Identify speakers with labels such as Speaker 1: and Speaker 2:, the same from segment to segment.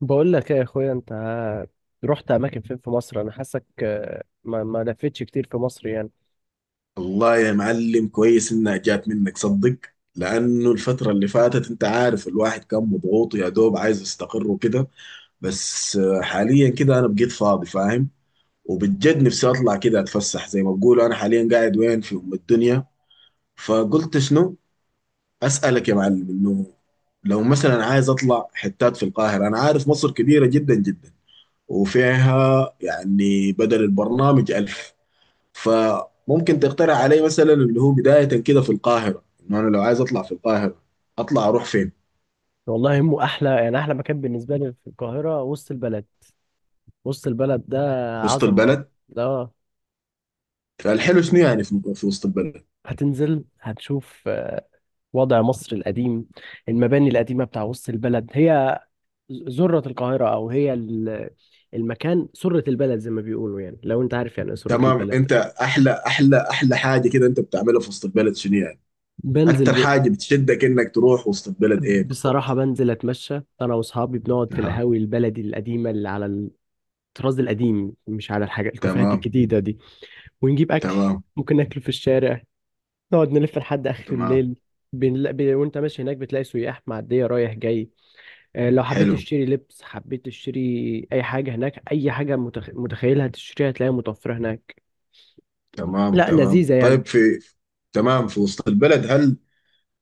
Speaker 1: بقول لك ايه يا اخويا، انت رحت اماكن فين في مصر؟ انا حاسك ما لفتش كتير في مصر يعني.
Speaker 2: والله يا معلم، كويس انها جات منك صدق. لانه الفترة اللي فاتت انت عارف الواحد كان مضغوط، يا دوب عايز يستقر وكده. بس حاليا كده انا بقيت فاضي، فاهم. وبجد نفسي اطلع كده اتفسح زي ما بقولوا. انا حاليا قاعد وين في ام الدنيا، فقلت شنو اسالك يا معلم انه لو مثلا عايز اطلع حتات في القاهرة. انا عارف مصر كبيرة جدا جدا وفيها يعني بدل البرنامج ألف، فممكن تقترح علي مثلا اللي هو بداية كده في القاهرة، انه انا لو عايز اطلع في القاهرة اطلع اروح فين؟
Speaker 1: والله مو احلى يعني، احلى مكان بالنسبه لي في القاهره وسط البلد. وسط البلد ده
Speaker 2: وسط
Speaker 1: عظمه.
Speaker 2: البلد.
Speaker 1: لا.
Speaker 2: فالحلو شنو يعني في وسط البلد؟
Speaker 1: هتنزل، هتشوف وضع مصر القديم، المباني القديمه بتاع وسط البلد. هي ذره القاهره، او المكان سره البلد زي ما بيقولوا، يعني لو انت عارف يعني ايه سره
Speaker 2: تمام.
Speaker 1: البلد.
Speaker 2: انت احلى احلى احلى حاجة كده انت بتعملها في وسط البلد شنو يعني؟ اكتر
Speaker 1: بنزل.
Speaker 2: حاجة بتشدك انك تروح وسط البلد ايه
Speaker 1: بصراحة
Speaker 2: بالضبط؟
Speaker 1: بنزل أتمشى أنا وأصحابي، بنقعد في
Speaker 2: اها.
Speaker 1: القهاوي البلدي القديمة اللي على الطراز القديم، مش على الحاجة الكافيهات
Speaker 2: تمام
Speaker 1: الجديدة دي. ونجيب أكل
Speaker 2: تمام
Speaker 1: ممكن ناكله في الشارع، نقعد نلف لحد آخر
Speaker 2: تمام.
Speaker 1: الليل. وأنت ماشي هناك بتلاقي سياح معدية رايح جاي. لو حبيت
Speaker 2: حلو.
Speaker 1: تشتري لبس، حبيت تشتري أي حاجة هناك، أي حاجة متخيلها تشتريها هتلاقيها متوفرة هناك.
Speaker 2: تمام
Speaker 1: لا،
Speaker 2: تمام،
Speaker 1: لذيذة يعني.
Speaker 2: طيب. في تمام. في وسط البلد، هل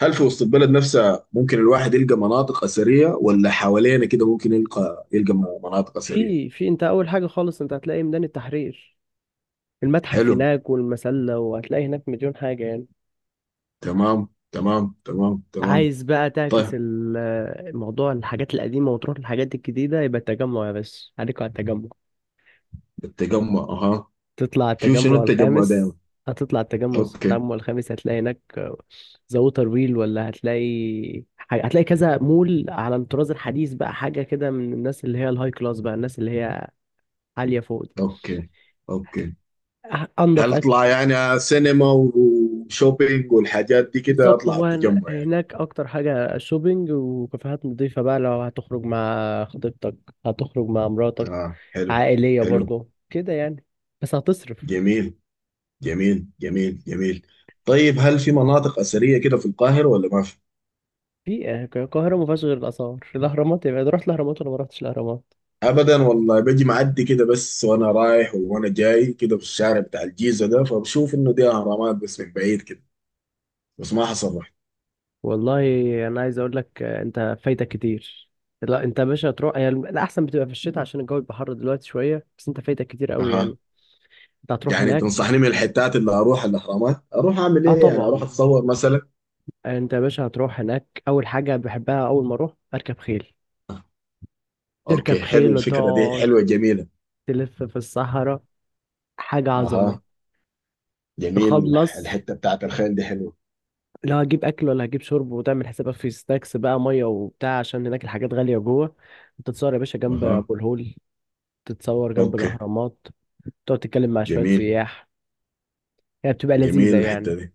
Speaker 2: هل في وسط البلد نفسها ممكن الواحد يلقى مناطق أثرية، ولا حوالينا كده ممكن يلقى مناطق أثرية؟
Speaker 1: في. أنت أول حاجة خالص أنت هتلاقي ميدان التحرير، المتحف
Speaker 2: حلو.
Speaker 1: هناك والمسلة، وهتلاقي هناك مليون حاجة يعني.
Speaker 2: تمام تمام تمام تمام.
Speaker 1: عايز بقى تعكس
Speaker 2: طيب.
Speaker 1: الموضوع، الحاجات القديمة وتروح للحاجات الجديدة، يبقى التجمع. يا باشا عليكوا على التجمع.
Speaker 2: التجمع، أها.
Speaker 1: تطلع
Speaker 2: شوف شنو
Speaker 1: التجمع
Speaker 2: التجمع
Speaker 1: الخامس.
Speaker 2: دايما.
Speaker 1: هتطلع التجمع
Speaker 2: أوكي
Speaker 1: التجمع الخامس هتلاقي هناك ذا ووتر ويل، ولا هتلاقي حاجة، هتلاقي كذا مول على الطراز الحديث، بقى حاجة كده من الناس اللي هي الهاي كلاس، بقى الناس اللي هي عالية فوق دي.
Speaker 2: أوكي أوكي.
Speaker 1: أنضف
Speaker 2: هل أطلع
Speaker 1: أكل.
Speaker 2: يعني سينما وشوبينج والحاجات دي كده
Speaker 1: بالظبط،
Speaker 2: أطلع
Speaker 1: هو
Speaker 2: التجمع يعني؟
Speaker 1: هناك اكتر حاجة شوبينج وكافيهات نظيفة، بقى لو هتخرج مع خطيبتك، هتخرج مع مراتك،
Speaker 2: آه حلو.
Speaker 1: عائلية
Speaker 2: حلو.
Speaker 1: برضو كده يعني. بس هتصرف.
Speaker 2: جميل جميل جميل جميل. طيب، هل في مناطق أثرية كده في القاهرة ولا ما في؟
Speaker 1: في القاهرة ما فيهاش غير الآثار الأهرامات. يبقى رحت الأهرامات ولا ما رحتش الأهرامات؟
Speaker 2: ابدا والله، باجي معدي كده بس، وانا رايح وانا جاي كده في الشارع بتاع الجيزه ده، فبشوف انه دي اهرامات بس من بعيد كده، بس ما حصل رحت.
Speaker 1: والله أنا عايز أقول لك، أنت فايتك كتير. لا، أنت يا باشا هتروح. هي الأحسن بتبقى في الشتاء عشان الجو بيبقى حر دلوقتي شوية، بس أنت فايتك كتير قوي
Speaker 2: اها.
Speaker 1: يعني. أنت هتروح
Speaker 2: يعني
Speaker 1: هناك.
Speaker 2: تنصحني من الحتات اللي اروح الاهرامات اروح اعمل
Speaker 1: أه
Speaker 2: ايه؟ يعني اروح
Speaker 1: طبعا.
Speaker 2: اتصور مثلا؟
Speaker 1: أنت يا باشا هتروح هناك، أول حاجة بحبها أول ما أروح أركب خيل. تركب
Speaker 2: اوكي حلو،
Speaker 1: خيل
Speaker 2: الفكره دي
Speaker 1: وتقعد
Speaker 2: حلوه جميله.
Speaker 1: تلف في الصحراء، حاجة
Speaker 2: اها.
Speaker 1: عظمة.
Speaker 2: جميل،
Speaker 1: تخلص،
Speaker 2: الحته بتاعت الخيل دي حلوه.
Speaker 1: لا هجيب أكل ولا هجيب شرب. وتعمل حسابك في سناكس بقى، مية وبتاع، عشان هناك الحاجات غالية جوه. تتصور يا باشا جنب
Speaker 2: اها.
Speaker 1: أبو الهول، تتصور جنب
Speaker 2: اوكي.
Speaker 1: الأهرامات، تقعد تتكلم مع شوية
Speaker 2: جميل.
Speaker 1: سياح. هي بتبقى لذيذة
Speaker 2: جميل الحته
Speaker 1: يعني.
Speaker 2: دي.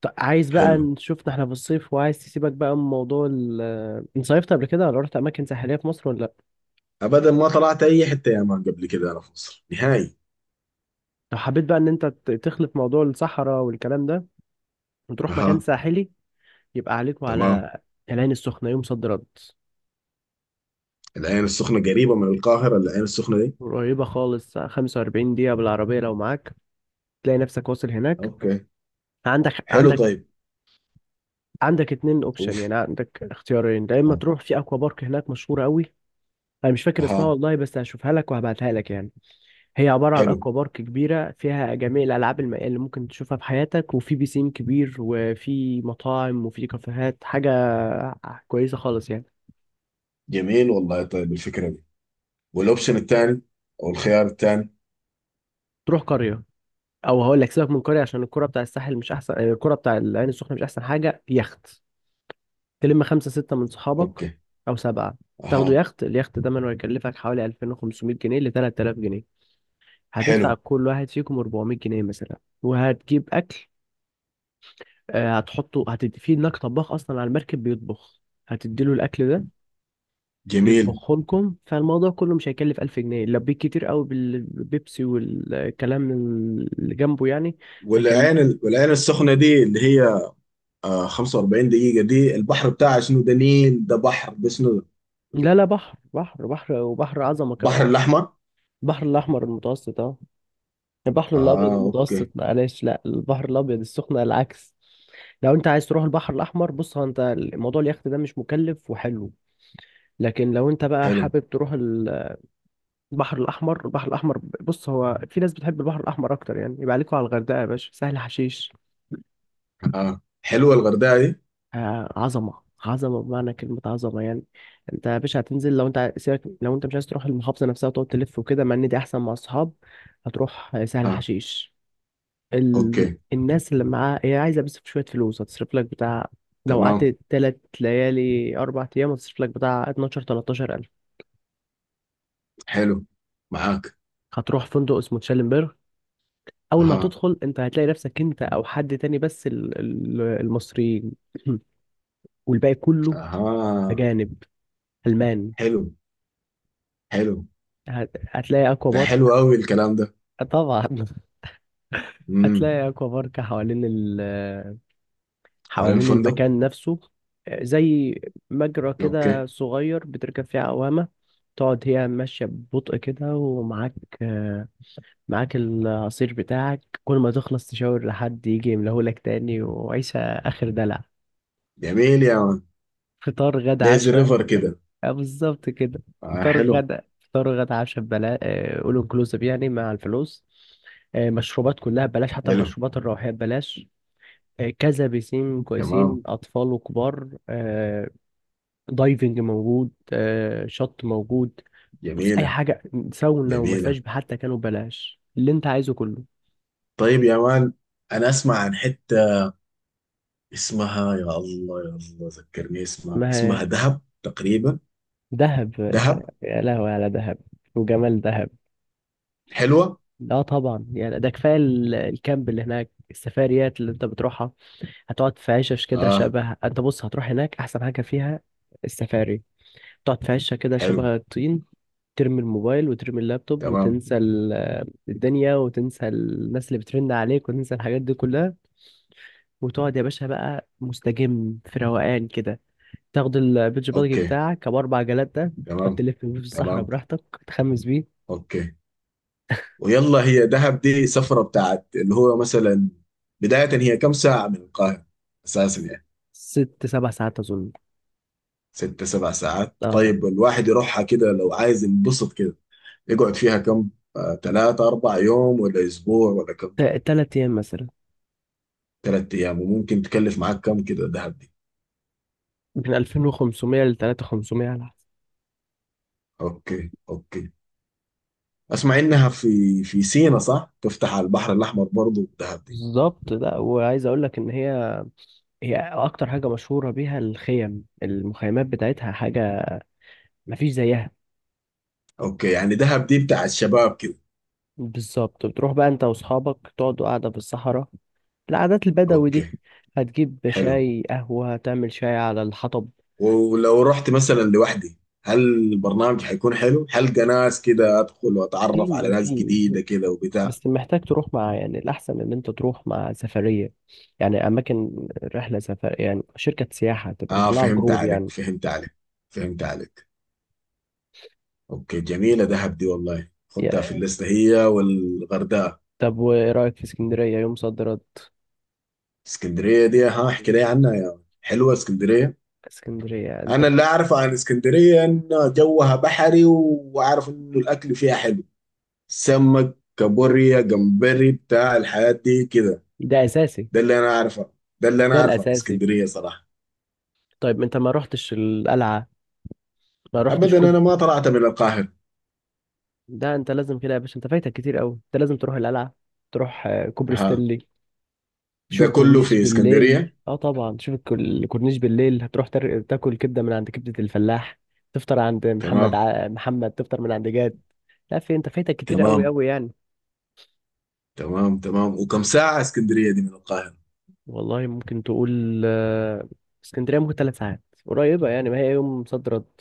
Speaker 1: طب عايز بقى
Speaker 2: حلو.
Speaker 1: نشوفنا احنا في الصيف، وعايز تسيبك بقى من موضوع انت صيفت قبل كده، ولا رحت أماكن ساحلية في مصر ولا لأ؟
Speaker 2: ابدا، ما طلعت اي حته يا مان قبل كده انا في مصر نهائي.
Speaker 1: لو حبيت بقى إن أنت تخلط موضوع الصحراء والكلام ده، وتروح مكان
Speaker 2: اها.
Speaker 1: ساحلي، يبقى عليكم
Speaker 2: تمام.
Speaker 1: على العين السخنة يوم صد رد.
Speaker 2: العين السخنة قريبة من القاهرة العين السخنة دي؟
Speaker 1: قريبة خالص. 45 دقيقة بالعربية لو معاك، تلاقي نفسك واصل هناك.
Speaker 2: اوكي.
Speaker 1: عندك
Speaker 2: حلو،
Speaker 1: عندك
Speaker 2: طيب.
Speaker 1: عندك اتنين اوبشن،
Speaker 2: اوف.
Speaker 1: يعني عندك اختيارين. يا اما
Speaker 2: اها.
Speaker 1: تروح في اكوا بارك، هناك مشهورة قوي. انا مش فاكر اسمها
Speaker 2: أها.
Speaker 1: والله، بس هشوفها لك وهبعتها لك يعني. هي عبارة عن
Speaker 2: حلو.
Speaker 1: اكوا بارك كبيرة فيها جميع الالعاب المائية اللي ممكن تشوفها في حياتك، وفي بيسين كبير، وفي مطاعم، وفي كافيهات، حاجة كويسة خالص يعني.
Speaker 2: جميل والله طيب الفكرة دي. والاوبشن الثاني، او الخيار الثاني.
Speaker 1: تروح قرية، او هقول لك سيبك من قرية عشان الكرة بتاع الساحل مش احسن يعني، الكرة بتاع العين السخنة مش احسن حاجة. يخت، تلم خمسة ستة من صحابك
Speaker 2: اوكي.
Speaker 1: او سبعة. تاخدوا
Speaker 2: اها.
Speaker 1: يخت، اليخت ده من هيكلفك حوالي 2500 جنيه ل 3000 جنيه. هتدفع
Speaker 2: حلو.
Speaker 1: كل واحد فيكم 400 جنيه مثلا، وهتجيب اكل. هتحطه، هتدي في هناك طباخ اصلا على المركب بيطبخ، هتديله الاكل ده
Speaker 2: جميل.
Speaker 1: يطبخه لكم. فالموضوع كله مش هيكلف 1000 جنيه لو بيك كتير قوي بالبيبسي والكلام اللي جنبه يعني. هيكلف.
Speaker 2: والعين السخنة دي اللي هي 45 دقيقة، دي البحر بتاعها شنو؟ ده نيل ده بحر ده شنو ده؟
Speaker 1: لا لا، بحر بحر بحر، وبحر عظمة
Speaker 2: البحر
Speaker 1: كمان.
Speaker 2: الأحمر.
Speaker 1: البحر الأحمر المتوسط، اه البحر الأبيض
Speaker 2: اه اوكي.
Speaker 1: المتوسط، معلش، لا البحر الأبيض السخنة العكس. لو أنت عايز تروح البحر الأحمر، بص هو أنت الموضوع اليخت ده مش مكلف وحلو. لكن لو أنت بقى
Speaker 2: حلو.
Speaker 1: حابب تروح البحر الأحمر. البحر الأحمر، بص هو في ناس بتحب البحر الأحمر أكتر يعني، يبقى عليكوا على الغردقة يا باشا سهل حشيش.
Speaker 2: اه حلوة الغردقة دي.
Speaker 1: عظمه عظمه بمعنى كلمه، عظمه يعني. انت يا باشا هتنزل، لو انت سيبك، لو انت مش عايز تروح المحافظه نفسها وتقعد تلف وكده، مع ان دي احسن مع الصحاب. هتروح سهل
Speaker 2: اه.
Speaker 1: حشيش. ال...
Speaker 2: اوكي.
Speaker 1: الناس اللي معاها هي عايزه بس شويه فلوس هتصرف لك بتاع. لو
Speaker 2: تمام.
Speaker 1: قعدت 3 ليالي 4 ايام هتصرف لك بتاع 12 13 الف.
Speaker 2: حلو. معاك.
Speaker 1: هتروح فندق اسمه تشالنبرغ. اول ما
Speaker 2: اها.
Speaker 1: هتدخل انت هتلاقي نفسك انت او حد تاني بس المصريين. والباقي كله
Speaker 2: اها.
Speaker 1: اجانب، المان.
Speaker 2: حلو حلو.
Speaker 1: هتلاقي اكوا
Speaker 2: ده
Speaker 1: بارك.
Speaker 2: حلو قوي الكلام ده.
Speaker 1: طبعا
Speaker 2: امم.
Speaker 1: هتلاقي اكوا بارك حوالين
Speaker 2: حوالين
Speaker 1: حوالين
Speaker 2: الفندق.
Speaker 1: المكان نفسه. زي مجرى
Speaker 2: اوكي.
Speaker 1: كده صغير بتركب فيه عوامة، تقعد هي ماشية ببطء كده، ومعاك العصير بتاعك. كل ما تخلص تشاور لحد يجي يملهولك تاني، وعيشة آخر دلع.
Speaker 2: جميل يا مان.
Speaker 1: فطار غدا
Speaker 2: ليزي
Speaker 1: عشاء.
Speaker 2: ريفر كده.
Speaker 1: بالظبط كده.
Speaker 2: آه
Speaker 1: فطار
Speaker 2: حلو.
Speaker 1: غدا فطار غدا عشاء ببلاش، اول انكلوسيف يعني مع الفلوس. مشروبات كلها ببلاش، حتى
Speaker 2: حلو.
Speaker 1: المشروبات الروحية ببلاش. كذا بيسين
Speaker 2: تمام.
Speaker 1: كويسين، أطفال وكبار. دايفنج موجود، شط موجود. بص أي
Speaker 2: جميلة.
Speaker 1: حاجة، ساونا
Speaker 2: جميلة.
Speaker 1: ومساج حتى كانوا ببلاش، اللي أنت عايزه كله.
Speaker 2: طيب يا مان، انا اسمع عن حتة اسمها، يا الله يا الله ذكرني اسمها،
Speaker 1: ما
Speaker 2: اسمها دهب تقريبا.
Speaker 1: دهب.
Speaker 2: دهب.
Speaker 1: يا لهوي على دهب وجمال دهب.
Speaker 2: حلوة.
Speaker 1: اه طبعا يعني. ده كفايه الكامب اللي هناك. السفاريات اللي انت بتروحها، هتقعد في عشش كده
Speaker 2: اه.
Speaker 1: شبه. انت بص هتروح هناك احسن حاجه فيها السفاري. تقعد في عشه كده
Speaker 2: حلو.
Speaker 1: شبه الطين. ترمي الموبايل وترمي اللابتوب
Speaker 2: تمام.
Speaker 1: وتنسى الدنيا، وتنسى الناس اللي بترن عليك، وتنسى الحاجات دي كلها، وتقعد يا باشا بقى مستجم في روقان كده. تاخد البيتش باجي
Speaker 2: اوكي
Speaker 1: بتاعك ابو 4 جلات ده، تقعد
Speaker 2: تمام
Speaker 1: تلف بيه في الصحراء
Speaker 2: تمام
Speaker 1: براحتك، تخمس بيه.
Speaker 2: اوكي. ويلا، هي دهب دي سفرة بتاعت اللي هو مثلا بداية، هي كم ساعة من القاهرة اساسا يعني؟
Speaker 1: 6 7 ساعات اظن.
Speaker 2: ست سبع ساعات،
Speaker 1: اه
Speaker 2: طيب الواحد يروحها كده لو عايز ينبسط كده يقعد فيها كم؟ تلاتة أربع يوم، ولا أسبوع ولا كم؟
Speaker 1: 3 ايام مثلا.
Speaker 2: تلات أيام. وممكن تكلف معاك كم كده دهب دي؟
Speaker 1: من 2500 ل 3500 على حسب.
Speaker 2: أوكي أوكي. أسمع إنها في في سينا صح؟ تفتح على البحر الأحمر برضه دهب دي؟
Speaker 1: بالظبط. لا وعايز اقول لك ان هي اكتر حاجه مشهوره بيها الخيم المخيمات بتاعتها، حاجه مفيش زيها.
Speaker 2: أوكي، يعني دهب دي بتاع الشباب كده.
Speaker 1: بالظبط. بتروح بقى انت واصحابك تقعدوا قاعدة في الصحراء، العادات البدوي دي.
Speaker 2: أوكي.
Speaker 1: هتجيب
Speaker 2: حلو.
Speaker 1: شاي قهوة، هتعمل شاي على الحطب.
Speaker 2: ولو رحت مثلا لوحدي، هل البرنامج حيكون حلو؟ حلقة ناس كده أدخل وأتعرف على
Speaker 1: في
Speaker 2: ناس
Speaker 1: في
Speaker 2: جديدة كده وبتاع؟
Speaker 1: بس محتاج تروح مع يعني، الأحسن إن أنت تروح مع سفرية، يعني أماكن رحلة سفر، يعني شركة سياحة تبقى
Speaker 2: اه
Speaker 1: مطلعة
Speaker 2: فهمت
Speaker 1: جروب
Speaker 2: عليك.
Speaker 1: يعني.
Speaker 2: فهمت عليك. فهمت عليك. اوكي، جميلة دهب دي والله، خدتها في
Speaker 1: يا-
Speaker 2: الليستة هي والغردقة.
Speaker 1: طب وإيه رأيك في اسكندرية يوم صد رد؟
Speaker 2: اسكندرية دي، ها احكي لي عنها يا ولد. حلوة اسكندرية.
Speaker 1: اسكندرية أنت.
Speaker 2: انا اللي اعرفه عن اسكندرية ان جوها بحري، واعرف انه الاكل فيها حلو، سمك كابوريا جمبري بتاع الحياة دي كده.
Speaker 1: ده أساسي.
Speaker 2: ده اللي انا اعرفه. ده اللي انا
Speaker 1: ده
Speaker 2: اعرفه عن
Speaker 1: الأساسي.
Speaker 2: اسكندرية صراحة.
Speaker 1: طيب أنت ما رحتش القلعة؟ ما رحتش.
Speaker 2: ابدا، انا ما طلعت من القاهرة.
Speaker 1: ده انت لازم كده يا باشا، انت فايتك كتير قوي، انت لازم تروح القلعه. تروح كوبري
Speaker 2: ها.
Speaker 1: ستانلي،
Speaker 2: ده
Speaker 1: تشوف
Speaker 2: كله
Speaker 1: الكورنيش
Speaker 2: في
Speaker 1: بالليل.
Speaker 2: اسكندرية؟
Speaker 1: اه طبعا. تشوف الكورنيش بالليل. هتروح تاكل كبده من عند كبده الفلاح. تفطر عند
Speaker 2: تمام.
Speaker 1: محمد، تفطر من عند جاد. لا في انت فايتك كتير قوي
Speaker 2: تمام
Speaker 1: قوي يعني.
Speaker 2: تمام تمام. وكم ساعة اسكندرية دي من القاهرة؟
Speaker 1: والله ممكن تقول اسكندريه ممكن 3 ساعات، قريبه يعني ما هي يوم صد رد.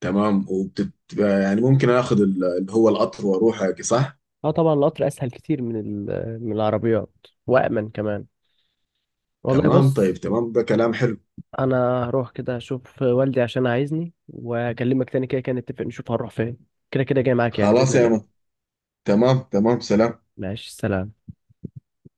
Speaker 2: تمام. وبتبقى يعني ممكن اخذ اللي هو القطر واروح هيك، صح؟
Speaker 1: اه طبعا، القطر اسهل كتير من من العربيات، وامن كمان. والله
Speaker 2: تمام، طيب.
Speaker 1: بص.
Speaker 2: تمام، ده كلام حلو.
Speaker 1: انا هروح كده اشوف والدي عشان عايزني، واكلمك تاني. كده كده نتفق نشوف هنروح فين. كده كده جاي معاك يعني باذن
Speaker 2: خلاص يا مان.
Speaker 1: الله.
Speaker 2: تمام تمام، سلام.
Speaker 1: ماشي سلام.